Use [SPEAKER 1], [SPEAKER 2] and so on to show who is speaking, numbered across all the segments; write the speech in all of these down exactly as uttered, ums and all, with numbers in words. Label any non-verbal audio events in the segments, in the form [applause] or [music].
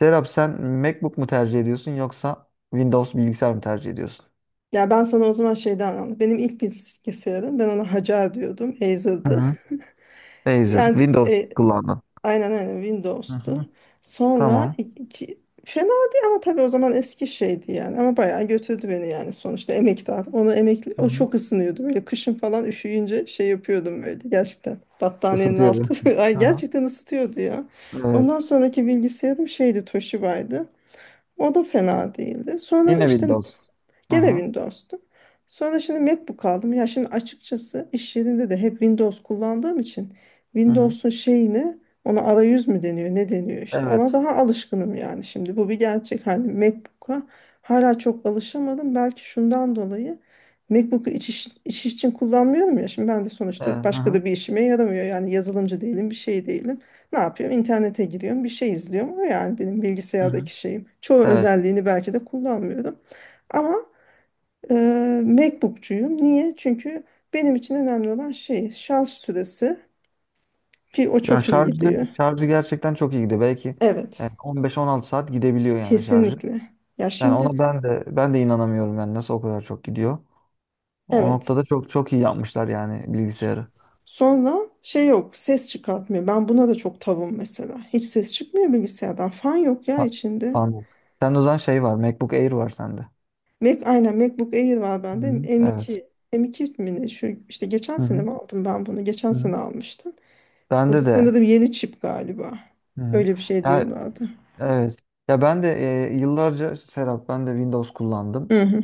[SPEAKER 1] Serap, sen MacBook mu tercih ediyorsun yoksa Windows bilgisayar mı tercih ediyorsun?
[SPEAKER 2] Ya ben sana o zaman şeyden anladım. Benim ilk bilgisayarım, ben ona Hacer diyordum.
[SPEAKER 1] Hı
[SPEAKER 2] Acer'dı.
[SPEAKER 1] hı.
[SPEAKER 2] [laughs]
[SPEAKER 1] Razer,
[SPEAKER 2] Yani
[SPEAKER 1] Windows
[SPEAKER 2] e,
[SPEAKER 1] kullandın.
[SPEAKER 2] aynen aynen
[SPEAKER 1] Hı hı.
[SPEAKER 2] Windows'tu. Sonra
[SPEAKER 1] Tamam.
[SPEAKER 2] iki, fena değil ama tabii o zaman eski şeydi yani. Ama bayağı götürdü beni, yani sonuçta emektar. Onu emekli,
[SPEAKER 1] Hı
[SPEAKER 2] o
[SPEAKER 1] hı.
[SPEAKER 2] çok ısınıyordu. Böyle kışın falan üşüyünce şey yapıyordum böyle gerçekten. Battaniyenin
[SPEAKER 1] Isıtıyordu.
[SPEAKER 2] altı. [laughs] Ay
[SPEAKER 1] Hı hı.
[SPEAKER 2] gerçekten ısıtıyordu ya. Ondan
[SPEAKER 1] Evet.
[SPEAKER 2] sonraki bilgisayarım şeydi, Toshiba'ydı. O da fena değildi. Sonra
[SPEAKER 1] Yine
[SPEAKER 2] işte
[SPEAKER 1] Windows. Hı
[SPEAKER 2] gene
[SPEAKER 1] hı.
[SPEAKER 2] Windows'tu. Sonra şimdi MacBook aldım. Ya şimdi açıkçası iş yerinde de hep Windows kullandığım için
[SPEAKER 1] Hı hı.
[SPEAKER 2] Windows'un şeyini, ona arayüz mü deniyor ne deniyor işte, ona
[SPEAKER 1] Evet.
[SPEAKER 2] daha alışkınım yani. Şimdi bu bir gerçek, hani MacBook'a hala çok alışamadım. Belki şundan dolayı, MacBook'u iç iş, iş için kullanmıyorum ya, şimdi ben de
[SPEAKER 1] Evet.
[SPEAKER 2] sonuçta.
[SPEAKER 1] Hı
[SPEAKER 2] Başka
[SPEAKER 1] hı.
[SPEAKER 2] da bir işime yaramıyor yani, yazılımcı değilim, bir şey değilim. Ne yapıyorum? İnternete giriyorum, bir şey izliyorum. O yani, benim
[SPEAKER 1] Hı hı.
[SPEAKER 2] bilgisayardaki şeyim, çoğu
[SPEAKER 1] Evet.
[SPEAKER 2] özelliğini belki de kullanmıyorum. Ama Eee MacBook'cuyum. Niye? Çünkü benim için önemli olan şey şans süresi, ki o
[SPEAKER 1] Ya,
[SPEAKER 2] çok iyi
[SPEAKER 1] şarjı
[SPEAKER 2] gidiyor.
[SPEAKER 1] şarjı gerçekten çok iyi gidiyor. Belki
[SPEAKER 2] Evet.
[SPEAKER 1] e, on beş on altı saat gidebiliyor yani şarjı.
[SPEAKER 2] Kesinlikle. Ya
[SPEAKER 1] Yani
[SPEAKER 2] şimdi,
[SPEAKER 1] ona ben de ben de inanamıyorum yani nasıl o kadar çok gidiyor. O
[SPEAKER 2] evet.
[SPEAKER 1] noktada çok çok iyi yapmışlar yani bilgisayarı.
[SPEAKER 2] Sonra şey yok, ses çıkartmıyor. Ben buna da çok tavım mesela. Hiç ses çıkmıyor bilgisayardan. Fan yok ya
[SPEAKER 1] Ha-
[SPEAKER 2] içinde.
[SPEAKER 1] Anladım. Sen o zaman şey var. MacBook Air var sende.
[SPEAKER 2] Mac, aynen, MacBook Air var bende.
[SPEAKER 1] Hı. Evet.
[SPEAKER 2] M iki. M iki mi ne? Şu işte geçen sene
[SPEAKER 1] Hı-hı.
[SPEAKER 2] mi aldım ben bunu? Geçen sene
[SPEAKER 1] Hı-hı.
[SPEAKER 2] almıştım. O
[SPEAKER 1] Bende
[SPEAKER 2] da
[SPEAKER 1] de.
[SPEAKER 2] sanırım yeni çip galiba.
[SPEAKER 1] Hı. Hı.
[SPEAKER 2] Öyle bir şey
[SPEAKER 1] Ya,
[SPEAKER 2] diyorlardı.
[SPEAKER 1] evet. Ya ben de, e, yıllarca Serap, ben de Windows kullandım
[SPEAKER 2] Hı hı.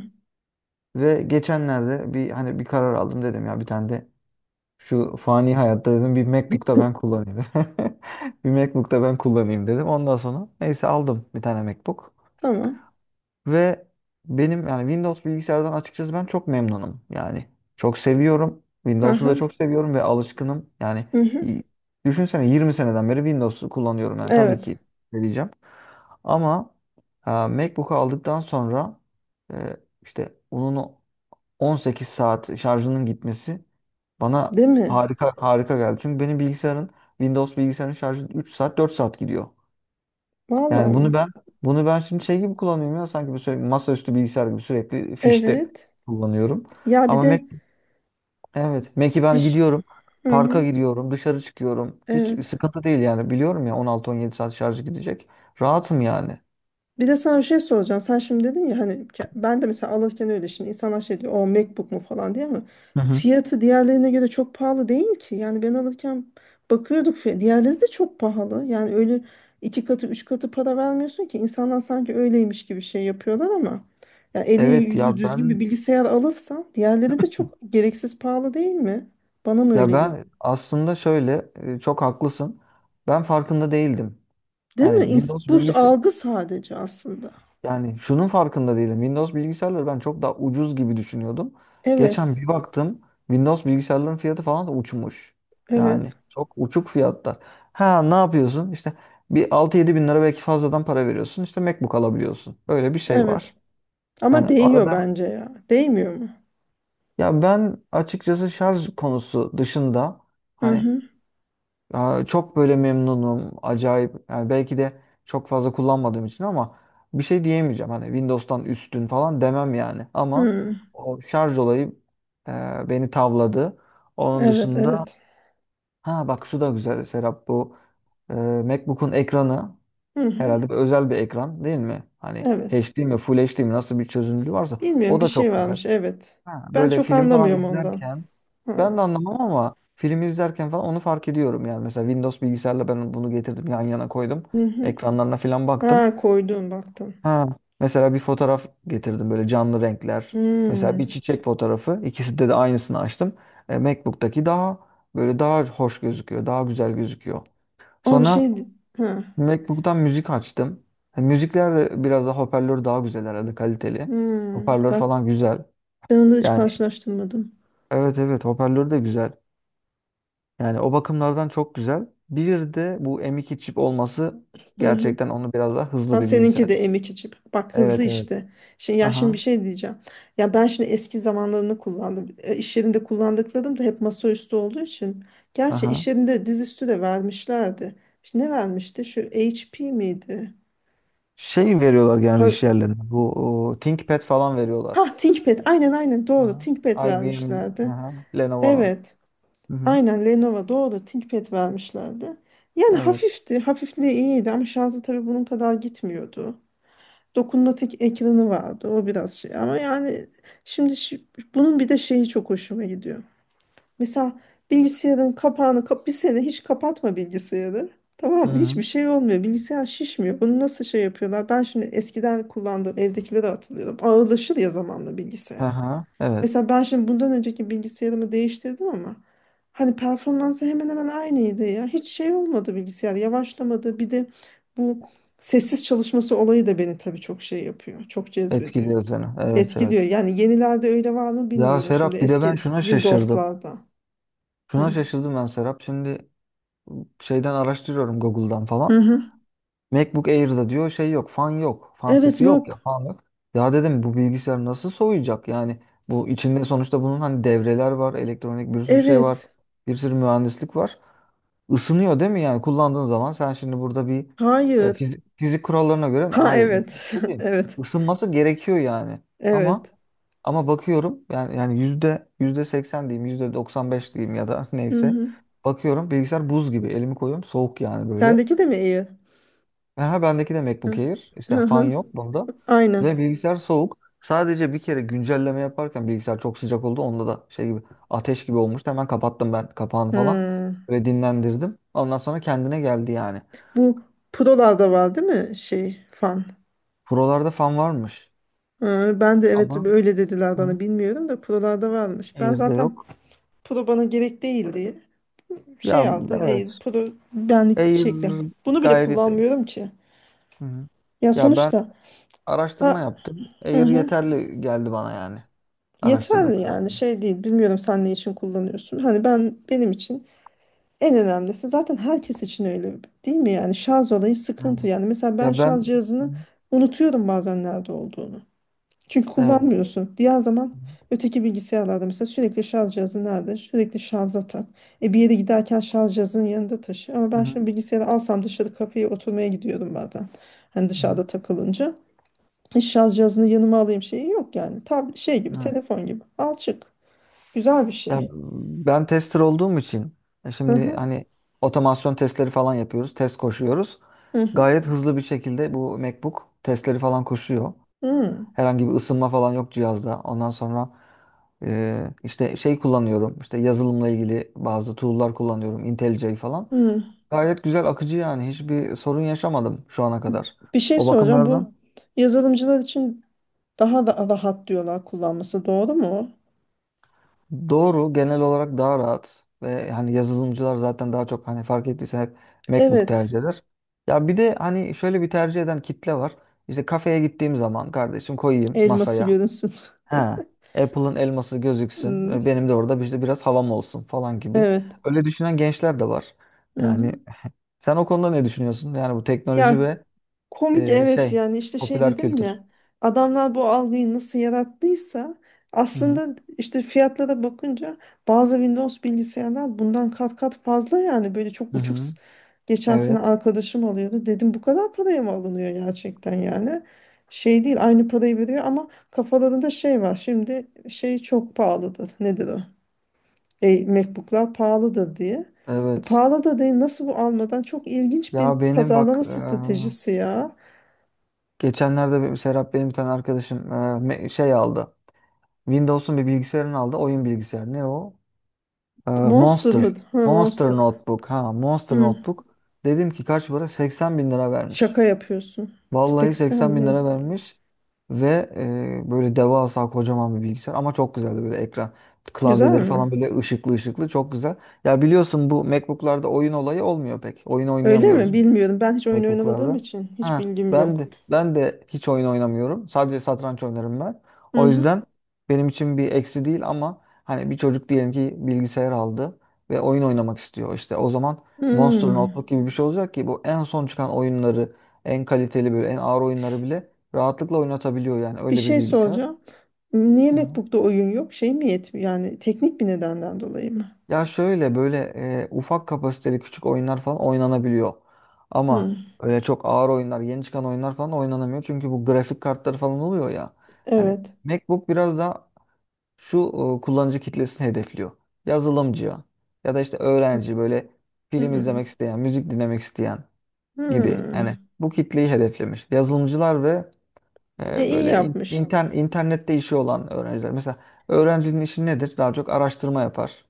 [SPEAKER 1] ve geçenlerde bir, hani, bir karar aldım. Dedim ya, bir tane de şu fani hayatta dedim bir MacBook'ta ben kullanayım. [laughs] Bir MacBook'ta ben kullanayım dedim. Ondan sonra, neyse, aldım bir tane MacBook.
[SPEAKER 2] Tamam.
[SPEAKER 1] Ve benim yani Windows bilgisayardan açıkçası ben çok memnunum. Yani çok seviyorum. Windows'u da
[SPEAKER 2] Aha.
[SPEAKER 1] çok seviyorum ve alışkınım. Yani
[SPEAKER 2] Hı hı.
[SPEAKER 1] y- düşünsene, yirmi seneden beri Windows'u kullanıyorum. Yani tabii
[SPEAKER 2] Evet.
[SPEAKER 1] ki vereceğim. Ama e, MacBook'u aldıktan sonra, e, işte onun on sekiz saat şarjının gitmesi bana
[SPEAKER 2] Değil mi?
[SPEAKER 1] harika harika geldi. Çünkü benim bilgisayarın, Windows bilgisayarın şarjı üç saat dört saat gidiyor.
[SPEAKER 2] Vallahi
[SPEAKER 1] Yani
[SPEAKER 2] mı?
[SPEAKER 1] bunu ben bunu ben şimdi şey gibi kullanıyorum ya, sanki bu sürekli masaüstü bilgisayar gibi sürekli fişte
[SPEAKER 2] Evet.
[SPEAKER 1] kullanıyorum.
[SPEAKER 2] Ya bir
[SPEAKER 1] Ama,
[SPEAKER 2] de,
[SPEAKER 1] Mac evet, Mac'i
[SPEAKER 2] bir
[SPEAKER 1] ben
[SPEAKER 2] ş-
[SPEAKER 1] gidiyorum.
[SPEAKER 2] hı
[SPEAKER 1] Parka
[SPEAKER 2] hı.
[SPEAKER 1] gidiyorum, dışarı çıkıyorum. Hiç
[SPEAKER 2] Evet.
[SPEAKER 1] sıkıntı değil yani. Biliyorum ya, on altı on yedi saat şarjı gidecek. Rahatım yani.
[SPEAKER 2] Bir de sana bir şey soracağım. Sen şimdi dedin ya hani, ke- ben de mesela alırken öyle. Şimdi insanlar şey diyor, "O MacBook mu?" falan diye, ama
[SPEAKER 1] Hı hı.
[SPEAKER 2] fiyatı diğerlerine göre çok pahalı değil ki. Yani ben alırken bakıyorduk, fiy- diğerleri de çok pahalı. Yani öyle iki katı, üç katı para vermiyorsun ki, insanlar sanki öyleymiş gibi şey yapıyorlar. Ama yani eli
[SPEAKER 1] Evet.
[SPEAKER 2] yüzü
[SPEAKER 1] ya
[SPEAKER 2] düzgün bir
[SPEAKER 1] ben
[SPEAKER 2] bilgisayar alırsan, diğerleri de çok gereksiz pahalı, değil mi? Bana mı
[SPEAKER 1] ya
[SPEAKER 2] öyle geliyor?
[SPEAKER 1] ben aslında şöyle, e, çok haklısın. Ben farkında değildim.
[SPEAKER 2] Değil mi?
[SPEAKER 1] Yani
[SPEAKER 2] İns-
[SPEAKER 1] Windows
[SPEAKER 2] Bu
[SPEAKER 1] bilgisi
[SPEAKER 2] algı sadece aslında.
[SPEAKER 1] Yani şunun farkında değilim. Windows bilgisayarları ben çok daha ucuz gibi düşünüyordum. Geçen
[SPEAKER 2] Evet,
[SPEAKER 1] bir baktım, Windows bilgisayarların fiyatı falan da uçmuş. Yani
[SPEAKER 2] evet,
[SPEAKER 1] çok uçuk fiyatlar. Ha, ne yapıyorsun? İşte bir altı yedi bin lira belki fazladan para veriyorsun, İşte MacBook alabiliyorsun. Böyle bir şey
[SPEAKER 2] evet.
[SPEAKER 1] var. Yani
[SPEAKER 2] Ama değiyor
[SPEAKER 1] arada
[SPEAKER 2] bence ya. Değmiyor mu?
[SPEAKER 1] Ya ben açıkçası şarj konusu dışında,
[SPEAKER 2] Hı
[SPEAKER 1] hani,
[SPEAKER 2] hı.
[SPEAKER 1] Aa, çok böyle memnunum. Acayip. Yani belki de çok fazla kullanmadığım için ama bir şey diyemeyeceğim. Hani Windows'tan üstün falan demem yani. Ama
[SPEAKER 2] Hı.
[SPEAKER 1] o şarj olayı e, beni tavladı. Onun
[SPEAKER 2] Evet,
[SPEAKER 1] dışında,
[SPEAKER 2] evet.
[SPEAKER 1] ha bak, şu da güzel Serap, bu e, MacBook'un ekranı
[SPEAKER 2] Hı hı.
[SPEAKER 1] herhalde bir özel bir ekran, değil mi? Hani
[SPEAKER 2] Evet.
[SPEAKER 1] H D mi, Full H D mi, nasıl bir çözünürlüğü varsa
[SPEAKER 2] Bilmiyorum,
[SPEAKER 1] o
[SPEAKER 2] bir
[SPEAKER 1] da
[SPEAKER 2] şey
[SPEAKER 1] çok güzel.
[SPEAKER 2] varmış. Evet.
[SPEAKER 1] Ha,
[SPEAKER 2] Ben
[SPEAKER 1] böyle
[SPEAKER 2] çok
[SPEAKER 1] film falan
[SPEAKER 2] anlamıyorum ondan.
[SPEAKER 1] izlerken, ben
[SPEAKER 2] Ha.
[SPEAKER 1] de anlamam ama film izlerken falan onu fark ediyorum yani. Mesela Windows bilgisayarla ben bunu getirdim, yan yana koydum.
[SPEAKER 2] Hı hı.
[SPEAKER 1] Ekranlarına falan baktım.
[SPEAKER 2] Ha, koydun, baktın.
[SPEAKER 1] Ha, mesela bir fotoğraf getirdim, böyle canlı renkler. Mesela
[SPEAKER 2] Hı.
[SPEAKER 1] bir çiçek fotoğrafı, ikisinde de aynısını açtım. E, MacBook'taki daha böyle daha hoş gözüküyor, daha güzel gözüküyor.
[SPEAKER 2] Ama bir
[SPEAKER 1] Sonra
[SPEAKER 2] şey. Ha.
[SPEAKER 1] MacBook'tan müzik açtım. E, müzikler de biraz daha hoparlör daha güzel herhalde, kaliteli.
[SPEAKER 2] Hı.
[SPEAKER 1] Hoparlör
[SPEAKER 2] Bak,
[SPEAKER 1] falan güzel.
[SPEAKER 2] ben onu hiç
[SPEAKER 1] Yani
[SPEAKER 2] karşılaştırmadım.
[SPEAKER 1] evet evet, hoparlör de güzel. Yani o bakımlardan çok güzel. Bir de bu M iki çip olması
[SPEAKER 2] Hı hı.
[SPEAKER 1] gerçekten onu biraz daha hızlı
[SPEAKER 2] Ha,
[SPEAKER 1] bir bilgisayar
[SPEAKER 2] seninki de
[SPEAKER 1] yapıyor.
[SPEAKER 2] M iki çip. Bak, hızlı
[SPEAKER 1] Evet evet.
[SPEAKER 2] işte. Şey, ya şimdi bir
[SPEAKER 1] Aha.
[SPEAKER 2] şey diyeceğim. Ya ben şimdi eski zamanlarını kullandım. E, İş yerinde kullandıklarım da hep masaüstü olduğu için. Gerçi
[SPEAKER 1] Aha.
[SPEAKER 2] iş yerinde dizüstü de vermişlerdi. İşte ne vermişti? Şu H P miydi?
[SPEAKER 1] Şey veriyorlar
[SPEAKER 2] Pa
[SPEAKER 1] genelde iş yerlerine. Bu, o, ThinkPad falan veriyorlar.
[SPEAKER 2] ha, ThinkPad. Aynen aynen doğru.
[SPEAKER 1] Aha.
[SPEAKER 2] ThinkPad
[SPEAKER 1] I B M'in,
[SPEAKER 2] vermişlerdi.
[SPEAKER 1] aha, Lenovo'nun.
[SPEAKER 2] Evet.
[SPEAKER 1] Hı hı.
[SPEAKER 2] Aynen, Lenovo, doğru. ThinkPad vermişlerdi. Yani
[SPEAKER 1] Evet.
[SPEAKER 2] hafifti. Hafifliği iyiydi, ama şarjı tabii bunun kadar gitmiyordu. Dokunmatik ekranı vardı. O biraz şey, ama yani şimdi şi- bunun bir de şeyi çok hoşuma gidiyor. Mesela bilgisayarın kapağını kap, bir sene hiç kapatma bilgisayarı.
[SPEAKER 1] Hı
[SPEAKER 2] Tamam mı? Hiçbir
[SPEAKER 1] hı.
[SPEAKER 2] şey olmuyor. Bilgisayar şişmiyor. Bunu nasıl şey yapıyorlar? Ben şimdi eskiden kullandığım evdekileri hatırlıyorum. Ağırlaşır ya zamanla bilgisayar.
[SPEAKER 1] Aha, evet.
[SPEAKER 2] Mesela ben şimdi bundan önceki bilgisayarımı değiştirdim, ama hani performansı hemen hemen aynıydı ya. Hiç şey olmadı, bilgisayar yavaşlamadı. Bir de bu sessiz çalışması olayı da beni tabii çok şey yapıyor. Çok cezbediyor.
[SPEAKER 1] Etkiliyor seni. Evet, evet.
[SPEAKER 2] Etkiliyor. Yani yenilerde öyle var mı
[SPEAKER 1] Ya
[SPEAKER 2] bilmiyorum, şimdi
[SPEAKER 1] Serap, bir de ben
[SPEAKER 2] eski
[SPEAKER 1] şuna şaşırdım.
[SPEAKER 2] Windows'larda.
[SPEAKER 1] Şuna
[SPEAKER 2] Hı.
[SPEAKER 1] şaşırdım ben Serap. Şimdi şeyden araştırıyorum, Google'dan
[SPEAKER 2] Hı
[SPEAKER 1] falan.
[SPEAKER 2] hı.
[SPEAKER 1] MacBook Air'da diyor şey yok, fan yok. Fan
[SPEAKER 2] Evet,
[SPEAKER 1] sesi yok ya,
[SPEAKER 2] yok.
[SPEAKER 1] fan yok. Ya dedim, bu bilgisayar nasıl soğuyacak? Yani bu içinde sonuçta bunun, hani, devreler var, elektronik bir sürü şey var,
[SPEAKER 2] Evet.
[SPEAKER 1] bir sürü mühendislik var. Isınıyor, değil mi? Yani kullandığın zaman sen, şimdi burada bir, e,
[SPEAKER 2] Hayır.
[SPEAKER 1] fizik, fizik kurallarına göre
[SPEAKER 2] Ha,
[SPEAKER 1] hayır,
[SPEAKER 2] evet. [laughs]
[SPEAKER 1] değil.
[SPEAKER 2] Evet.
[SPEAKER 1] Isınması gerekiyor yani. Ama
[SPEAKER 2] Evet.
[SPEAKER 1] ama bakıyorum yani yani yüzde yüzde seksen diyeyim, yüzde doksan beş diyeyim ya da, [laughs]
[SPEAKER 2] Hı
[SPEAKER 1] neyse.
[SPEAKER 2] hı.
[SPEAKER 1] Bakıyorum bilgisayar buz gibi. Elimi koyuyorum, soğuk yani böyle.
[SPEAKER 2] Sendeki de mi iyi?
[SPEAKER 1] Aha, bendeki de MacBook
[SPEAKER 2] Hı
[SPEAKER 1] Air. İşte
[SPEAKER 2] hı.
[SPEAKER 1] fan
[SPEAKER 2] Hı.
[SPEAKER 1] yok bunda.
[SPEAKER 2] Aynen.
[SPEAKER 1] Ve bilgisayar soğuk. Sadece bir kere güncelleme yaparken bilgisayar çok sıcak oldu. Onda da şey gibi ateş gibi olmuştu. Hemen kapattım ben kapağını falan.
[SPEAKER 2] Hı.
[SPEAKER 1] Ve dinlendirdim. Ondan sonra kendine geldi yani.
[SPEAKER 2] Bu Pro'larda var değil mi şey, fan?
[SPEAKER 1] Pro'larda fan varmış.
[SPEAKER 2] Ee, Ben de evet,
[SPEAKER 1] Ama,
[SPEAKER 2] öyle dediler
[SPEAKER 1] hı,
[SPEAKER 2] bana, bilmiyorum da Pro'larda varmış. Ben
[SPEAKER 1] Air'de
[SPEAKER 2] zaten
[SPEAKER 1] yok.
[SPEAKER 2] Pro bana gerek değil diye
[SPEAKER 1] Ya
[SPEAKER 2] şey aldım. Ey,
[SPEAKER 1] evet.
[SPEAKER 2] Pro benlik bir
[SPEAKER 1] Air
[SPEAKER 2] şekli. Bunu bile
[SPEAKER 1] gayet iyi.
[SPEAKER 2] kullanmıyorum ki.
[SPEAKER 1] Hı hı.
[SPEAKER 2] Ya
[SPEAKER 1] Ya ben
[SPEAKER 2] sonuçta,
[SPEAKER 1] araştırma
[SPEAKER 2] ha,
[SPEAKER 1] yaptım.
[SPEAKER 2] hı
[SPEAKER 1] Air
[SPEAKER 2] hı,
[SPEAKER 1] yeterli geldi bana yani. Araştırdığım
[SPEAKER 2] yeterli yani,
[SPEAKER 1] kadarıyla.
[SPEAKER 2] şey değil. Bilmiyorum sen ne için kullanıyorsun. Hani ben, benim için en önemlisi, zaten herkes için öyle değil mi, yani şarj olayı sıkıntı.
[SPEAKER 1] Aynen.
[SPEAKER 2] Yani mesela ben
[SPEAKER 1] Ya ben
[SPEAKER 2] şarj
[SPEAKER 1] Hı.
[SPEAKER 2] cihazını unutuyorum bazen nerede olduğunu. Çünkü
[SPEAKER 1] evet.
[SPEAKER 2] kullanmıyorsun. Diğer zaman öteki bilgisayarlarda mesela sürekli şarj cihazı nerede? Sürekli şarja tak. E, bir yere giderken şarj cihazının yanında taşı. Ama
[SPEAKER 1] Hı
[SPEAKER 2] ben
[SPEAKER 1] hı.
[SPEAKER 2] şimdi bilgisayarı alsam, dışarı kafeye oturmaya gidiyorum bazen. Hani
[SPEAKER 1] Hı,
[SPEAKER 2] dışarıda takılınca. Hiç şarj cihazını yanıma alayım şeyi yok yani. Tab, şey gibi,
[SPEAKER 1] Evet.
[SPEAKER 2] telefon gibi. Al, çık. Güzel bir
[SPEAKER 1] Ya
[SPEAKER 2] şey.
[SPEAKER 1] ben tester olduğum için, e,
[SPEAKER 2] Hı
[SPEAKER 1] şimdi,
[SPEAKER 2] hı.
[SPEAKER 1] hani, otomasyon testleri falan yapıyoruz, test koşuyoruz.
[SPEAKER 2] Hı hı.
[SPEAKER 1] Gayet hızlı bir şekilde bu MacBook testleri falan koşuyor.
[SPEAKER 2] Hı.
[SPEAKER 1] Herhangi bir ısınma falan yok cihazda. Ondan sonra, e, işte şey kullanıyorum, işte yazılımla ilgili bazı tool'lar kullanıyorum. IntelliJ falan.
[SPEAKER 2] Hı.
[SPEAKER 1] Gayet güzel akıcı yani. Hiçbir sorun yaşamadım şu ana kadar.
[SPEAKER 2] Bir şey
[SPEAKER 1] O
[SPEAKER 2] soracağım. Bu
[SPEAKER 1] bakımlardan
[SPEAKER 2] yazılımcılar için daha da rahat diyorlar kullanması. Doğru mu?
[SPEAKER 1] Doğru, genel olarak daha rahat ve hani yazılımcılar zaten daha çok, hani, fark ettiysen, hep MacBook
[SPEAKER 2] Evet.
[SPEAKER 1] tercih eder. Ya bir de hani şöyle bir tercih eden kitle var. İşte kafeye gittiğim zaman, kardeşim, koyayım
[SPEAKER 2] Elması
[SPEAKER 1] masaya.
[SPEAKER 2] görünsün.
[SPEAKER 1] Ha, Apple'ın elması gözüksün ve
[SPEAKER 2] [laughs]
[SPEAKER 1] benim de orada işte biraz havam olsun falan gibi.
[SPEAKER 2] Evet.
[SPEAKER 1] Öyle düşünen gençler de var.
[SPEAKER 2] Hı
[SPEAKER 1] Yani
[SPEAKER 2] hı.
[SPEAKER 1] sen o konuda ne düşünüyorsun? Yani bu teknoloji
[SPEAKER 2] Ya
[SPEAKER 1] ve,
[SPEAKER 2] komik,
[SPEAKER 1] e,
[SPEAKER 2] evet.
[SPEAKER 1] şey,
[SPEAKER 2] Yani işte şey
[SPEAKER 1] popüler
[SPEAKER 2] dedim
[SPEAKER 1] kültür.
[SPEAKER 2] ya, adamlar bu algıyı nasıl yarattıysa,
[SPEAKER 1] Hı hı.
[SPEAKER 2] aslında işte fiyatlara bakınca bazı Windows bilgisayarlar bundan kat kat fazla. Yani böyle çok
[SPEAKER 1] Hı
[SPEAKER 2] uçuk,
[SPEAKER 1] hı.
[SPEAKER 2] s- geçen sene
[SPEAKER 1] Evet,
[SPEAKER 2] arkadaşım alıyordu, dedim bu kadar paraya mı alınıyor gerçekten yani. Şey değil, aynı parayı veriyor, ama kafalarında şey var şimdi, şey çok pahalıdır nedir o, e, MacBook'lar pahalı da diye. E,
[SPEAKER 1] evet.
[SPEAKER 2] pahalı da değil. Nasıl bu almadan çok ilginç bir
[SPEAKER 1] Ya benim bak
[SPEAKER 2] pazarlama stratejisi ya.
[SPEAKER 1] Geçenlerde bir Serap, benim bir tane arkadaşım e, me- şey aldı. Windows'un bir bilgisayarını aldı. Oyun bilgisayarı. Ne o? E,
[SPEAKER 2] Monster mı?
[SPEAKER 1] Monster.
[SPEAKER 2] Ha,
[SPEAKER 1] Monster
[SPEAKER 2] Monster.
[SPEAKER 1] Notebook. Ha, Monster
[SPEAKER 2] Hı,
[SPEAKER 1] Notebook. Dedim ki, kaç para? seksen bin lira vermiş.
[SPEAKER 2] şaka yapıyorsun.
[SPEAKER 1] Vallahi seksen
[SPEAKER 2] seksen
[SPEAKER 1] bin lira
[SPEAKER 2] bin.
[SPEAKER 1] vermiş. Ve e, böyle devasa, kocaman bir bilgisayar. Ama çok güzeldi böyle ekran.
[SPEAKER 2] Güzel
[SPEAKER 1] Klavyeleri falan
[SPEAKER 2] mi?
[SPEAKER 1] böyle ışıklı ışıklı. Çok güzel. Ya biliyorsun, bu MacBook'larda oyun olayı olmuyor pek. Oyun
[SPEAKER 2] Öyle mi?
[SPEAKER 1] oynayamıyoruz
[SPEAKER 2] Bilmiyorum. Ben hiç oyun oynamadığım
[SPEAKER 1] MacBook'larda.
[SPEAKER 2] için hiç
[SPEAKER 1] Ha,
[SPEAKER 2] bilgim
[SPEAKER 1] ben
[SPEAKER 2] yok.
[SPEAKER 1] de ben de hiç oyun oynamıyorum. Sadece satranç oynarım ben.
[SPEAKER 2] Hı
[SPEAKER 1] O
[SPEAKER 2] hı.
[SPEAKER 1] yüzden benim için bir eksi değil ama, hani, bir çocuk diyelim ki bilgisayar aldı ve oyun oynamak istiyor. İşte o zaman Monster
[SPEAKER 2] Hmm.
[SPEAKER 1] Notebook gibi bir şey olacak ki bu, en son çıkan oyunları, en kaliteli, böyle en ağır oyunları bile rahatlıkla oynatabiliyor yani
[SPEAKER 2] Bir
[SPEAKER 1] öyle bir
[SPEAKER 2] şey
[SPEAKER 1] bilgisayar.
[SPEAKER 2] soracağım. Niye
[SPEAKER 1] Hı.
[SPEAKER 2] MacBook'ta oyun yok? Şey mi yetmiyor? Yani teknik bir nedenden dolayı mı?
[SPEAKER 1] Ya, şöyle böyle, e, ufak kapasiteli küçük oyunlar falan oynanabiliyor. Ama
[SPEAKER 2] Hı.
[SPEAKER 1] öyle çok ağır oyunlar, yeni çıkan oyunlar falan oynanamıyor. Çünkü bu grafik kartları falan oluyor ya. Hani
[SPEAKER 2] Evet.
[SPEAKER 1] MacBook biraz daha şu e, kullanıcı kitlesini hedefliyor. Yazılımcıya ya da işte öğrenci, böyle
[SPEAKER 2] Hı
[SPEAKER 1] film
[SPEAKER 2] hı.
[SPEAKER 1] izlemek isteyen, müzik dinlemek isteyen gibi.
[SPEAKER 2] Hı.
[SPEAKER 1] Yani bu kitleyi hedeflemiş. Yazılımcılar ve
[SPEAKER 2] E,
[SPEAKER 1] e,
[SPEAKER 2] iyi
[SPEAKER 1] böyle in-
[SPEAKER 2] yapmış.
[SPEAKER 1] inter- internette işi olan öğrenciler. Mesela öğrencinin işi nedir? Daha çok araştırma yapar.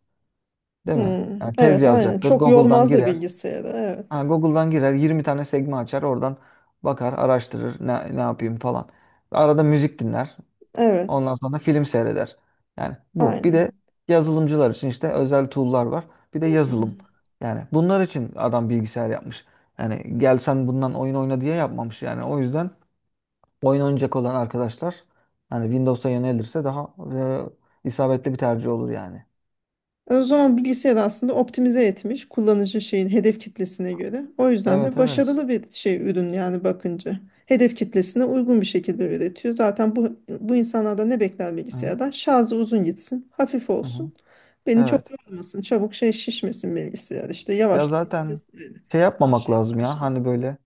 [SPEAKER 1] Değil mi?
[SPEAKER 2] Hmm,
[SPEAKER 1] Yani tez
[SPEAKER 2] evet, aynen.
[SPEAKER 1] yazacaktır.
[SPEAKER 2] Çok
[SPEAKER 1] Google'dan
[SPEAKER 2] yormaz da
[SPEAKER 1] girer.
[SPEAKER 2] bilgisayarı. Evet.
[SPEAKER 1] Ha, Google'dan girer, yirmi tane sekme açar. Oradan bakar, araştırır. Ne, ne yapayım falan. Arada müzik dinler.
[SPEAKER 2] Evet.
[SPEAKER 1] Ondan sonra film seyreder. Yani bu. Bir de
[SPEAKER 2] Aynen.
[SPEAKER 1] yazılımcılar için işte özel tool'lar var. Bir de yazılım.
[SPEAKER 2] Hmm.
[SPEAKER 1] Yani bunlar için adam bilgisayar yapmış. Yani, gel sen bundan oyun oyna diye yapmamış. Yani o yüzden oyun oynayacak olan arkadaşlar, hani, Windows'a yönelirse daha e, isabetli bir tercih olur yani.
[SPEAKER 2] O zaman bilgisayar aslında optimize etmiş kullanıcı şeyin hedef kitlesine göre. O yüzden de
[SPEAKER 1] Evet evet.
[SPEAKER 2] başarılı bir şey, ürün yani bakınca. Hedef kitlesine uygun bir şekilde üretiyor. Zaten bu bu insanlardan ne bekler
[SPEAKER 1] Hı
[SPEAKER 2] bilgisayardan? Şarjı uzun gitsin, hafif
[SPEAKER 1] hı.
[SPEAKER 2] olsun. Beni çok
[SPEAKER 1] Evet.
[SPEAKER 2] yormasın, çabuk şey şişmesin bilgisayar, işte
[SPEAKER 1] Ya
[SPEAKER 2] yavaşlamasın,
[SPEAKER 1] zaten
[SPEAKER 2] vesaire.
[SPEAKER 1] şey
[SPEAKER 2] Her
[SPEAKER 1] yapmamak
[SPEAKER 2] şey
[SPEAKER 1] lazım ya,
[SPEAKER 2] karşılık.
[SPEAKER 1] hani, böyle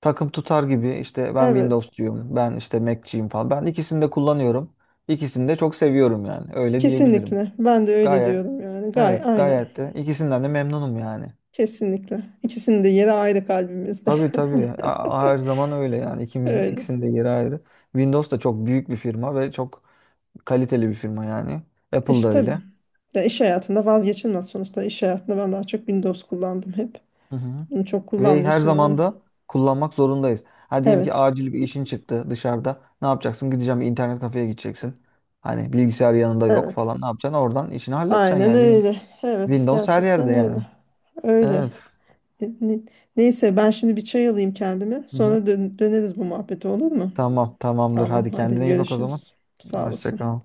[SPEAKER 1] takım tutar gibi, işte ben
[SPEAKER 2] Evet,
[SPEAKER 1] Windows diyorum, ben işte Mac'ciyim falan. Ben ikisini de kullanıyorum. İkisini de çok seviyorum yani, öyle diyebilirim.
[SPEAKER 2] kesinlikle. Ben de öyle
[SPEAKER 1] Gayet
[SPEAKER 2] diyorum yani. Gay,
[SPEAKER 1] evet,
[SPEAKER 2] aynen.
[SPEAKER 1] gayet de ikisinden de memnunum yani.
[SPEAKER 2] Kesinlikle. İkisinin de yeri ayrı kalbimizde.
[SPEAKER 1] Tabii tabii, A- her zaman öyle yani
[SPEAKER 2] [laughs]
[SPEAKER 1] ikimizin
[SPEAKER 2] Öyle.
[SPEAKER 1] ikisinin de yeri ayrı. Windows da çok büyük bir firma ve çok kaliteli bir firma yani.
[SPEAKER 2] E,
[SPEAKER 1] Apple da
[SPEAKER 2] İşte tabii.
[SPEAKER 1] öyle.
[SPEAKER 2] Ya iş hayatında vazgeçilmez sonuçta. İş hayatında ben daha çok Windows kullandım hep.
[SPEAKER 1] Hı hı.
[SPEAKER 2] Bunu çok
[SPEAKER 1] Ve her
[SPEAKER 2] kullanmıyorsun
[SPEAKER 1] zaman
[SPEAKER 2] oğlum.
[SPEAKER 1] da kullanmak zorundayız. Ha, diyelim ki
[SPEAKER 2] Evet.
[SPEAKER 1] acil bir işin çıktı dışarıda. Ne yapacaksın? Gideceğim bir internet kafeye gideceksin. Hani bilgisayar yanında yok
[SPEAKER 2] Evet.
[SPEAKER 1] falan. Ne yapacaksın? Oradan işini halledeceksin
[SPEAKER 2] Aynen
[SPEAKER 1] yani yine.
[SPEAKER 2] öyle. Evet.
[SPEAKER 1] Windows her yerde
[SPEAKER 2] Gerçekten
[SPEAKER 1] yani.
[SPEAKER 2] öyle. Öyle.
[SPEAKER 1] Evet.
[SPEAKER 2] Ne- ne- Neyse, ben şimdi bir çay alayım kendime.
[SPEAKER 1] Hı hı.
[SPEAKER 2] Sonra dön- döneriz bu muhabbete, olur mu?
[SPEAKER 1] Tamam, tamamdır.
[SPEAKER 2] Tamam,
[SPEAKER 1] Hadi kendine
[SPEAKER 2] hadi
[SPEAKER 1] iyi bak o zaman.
[SPEAKER 2] görüşürüz. Sağ
[SPEAKER 1] Hoşça
[SPEAKER 2] olasın.
[SPEAKER 1] kal.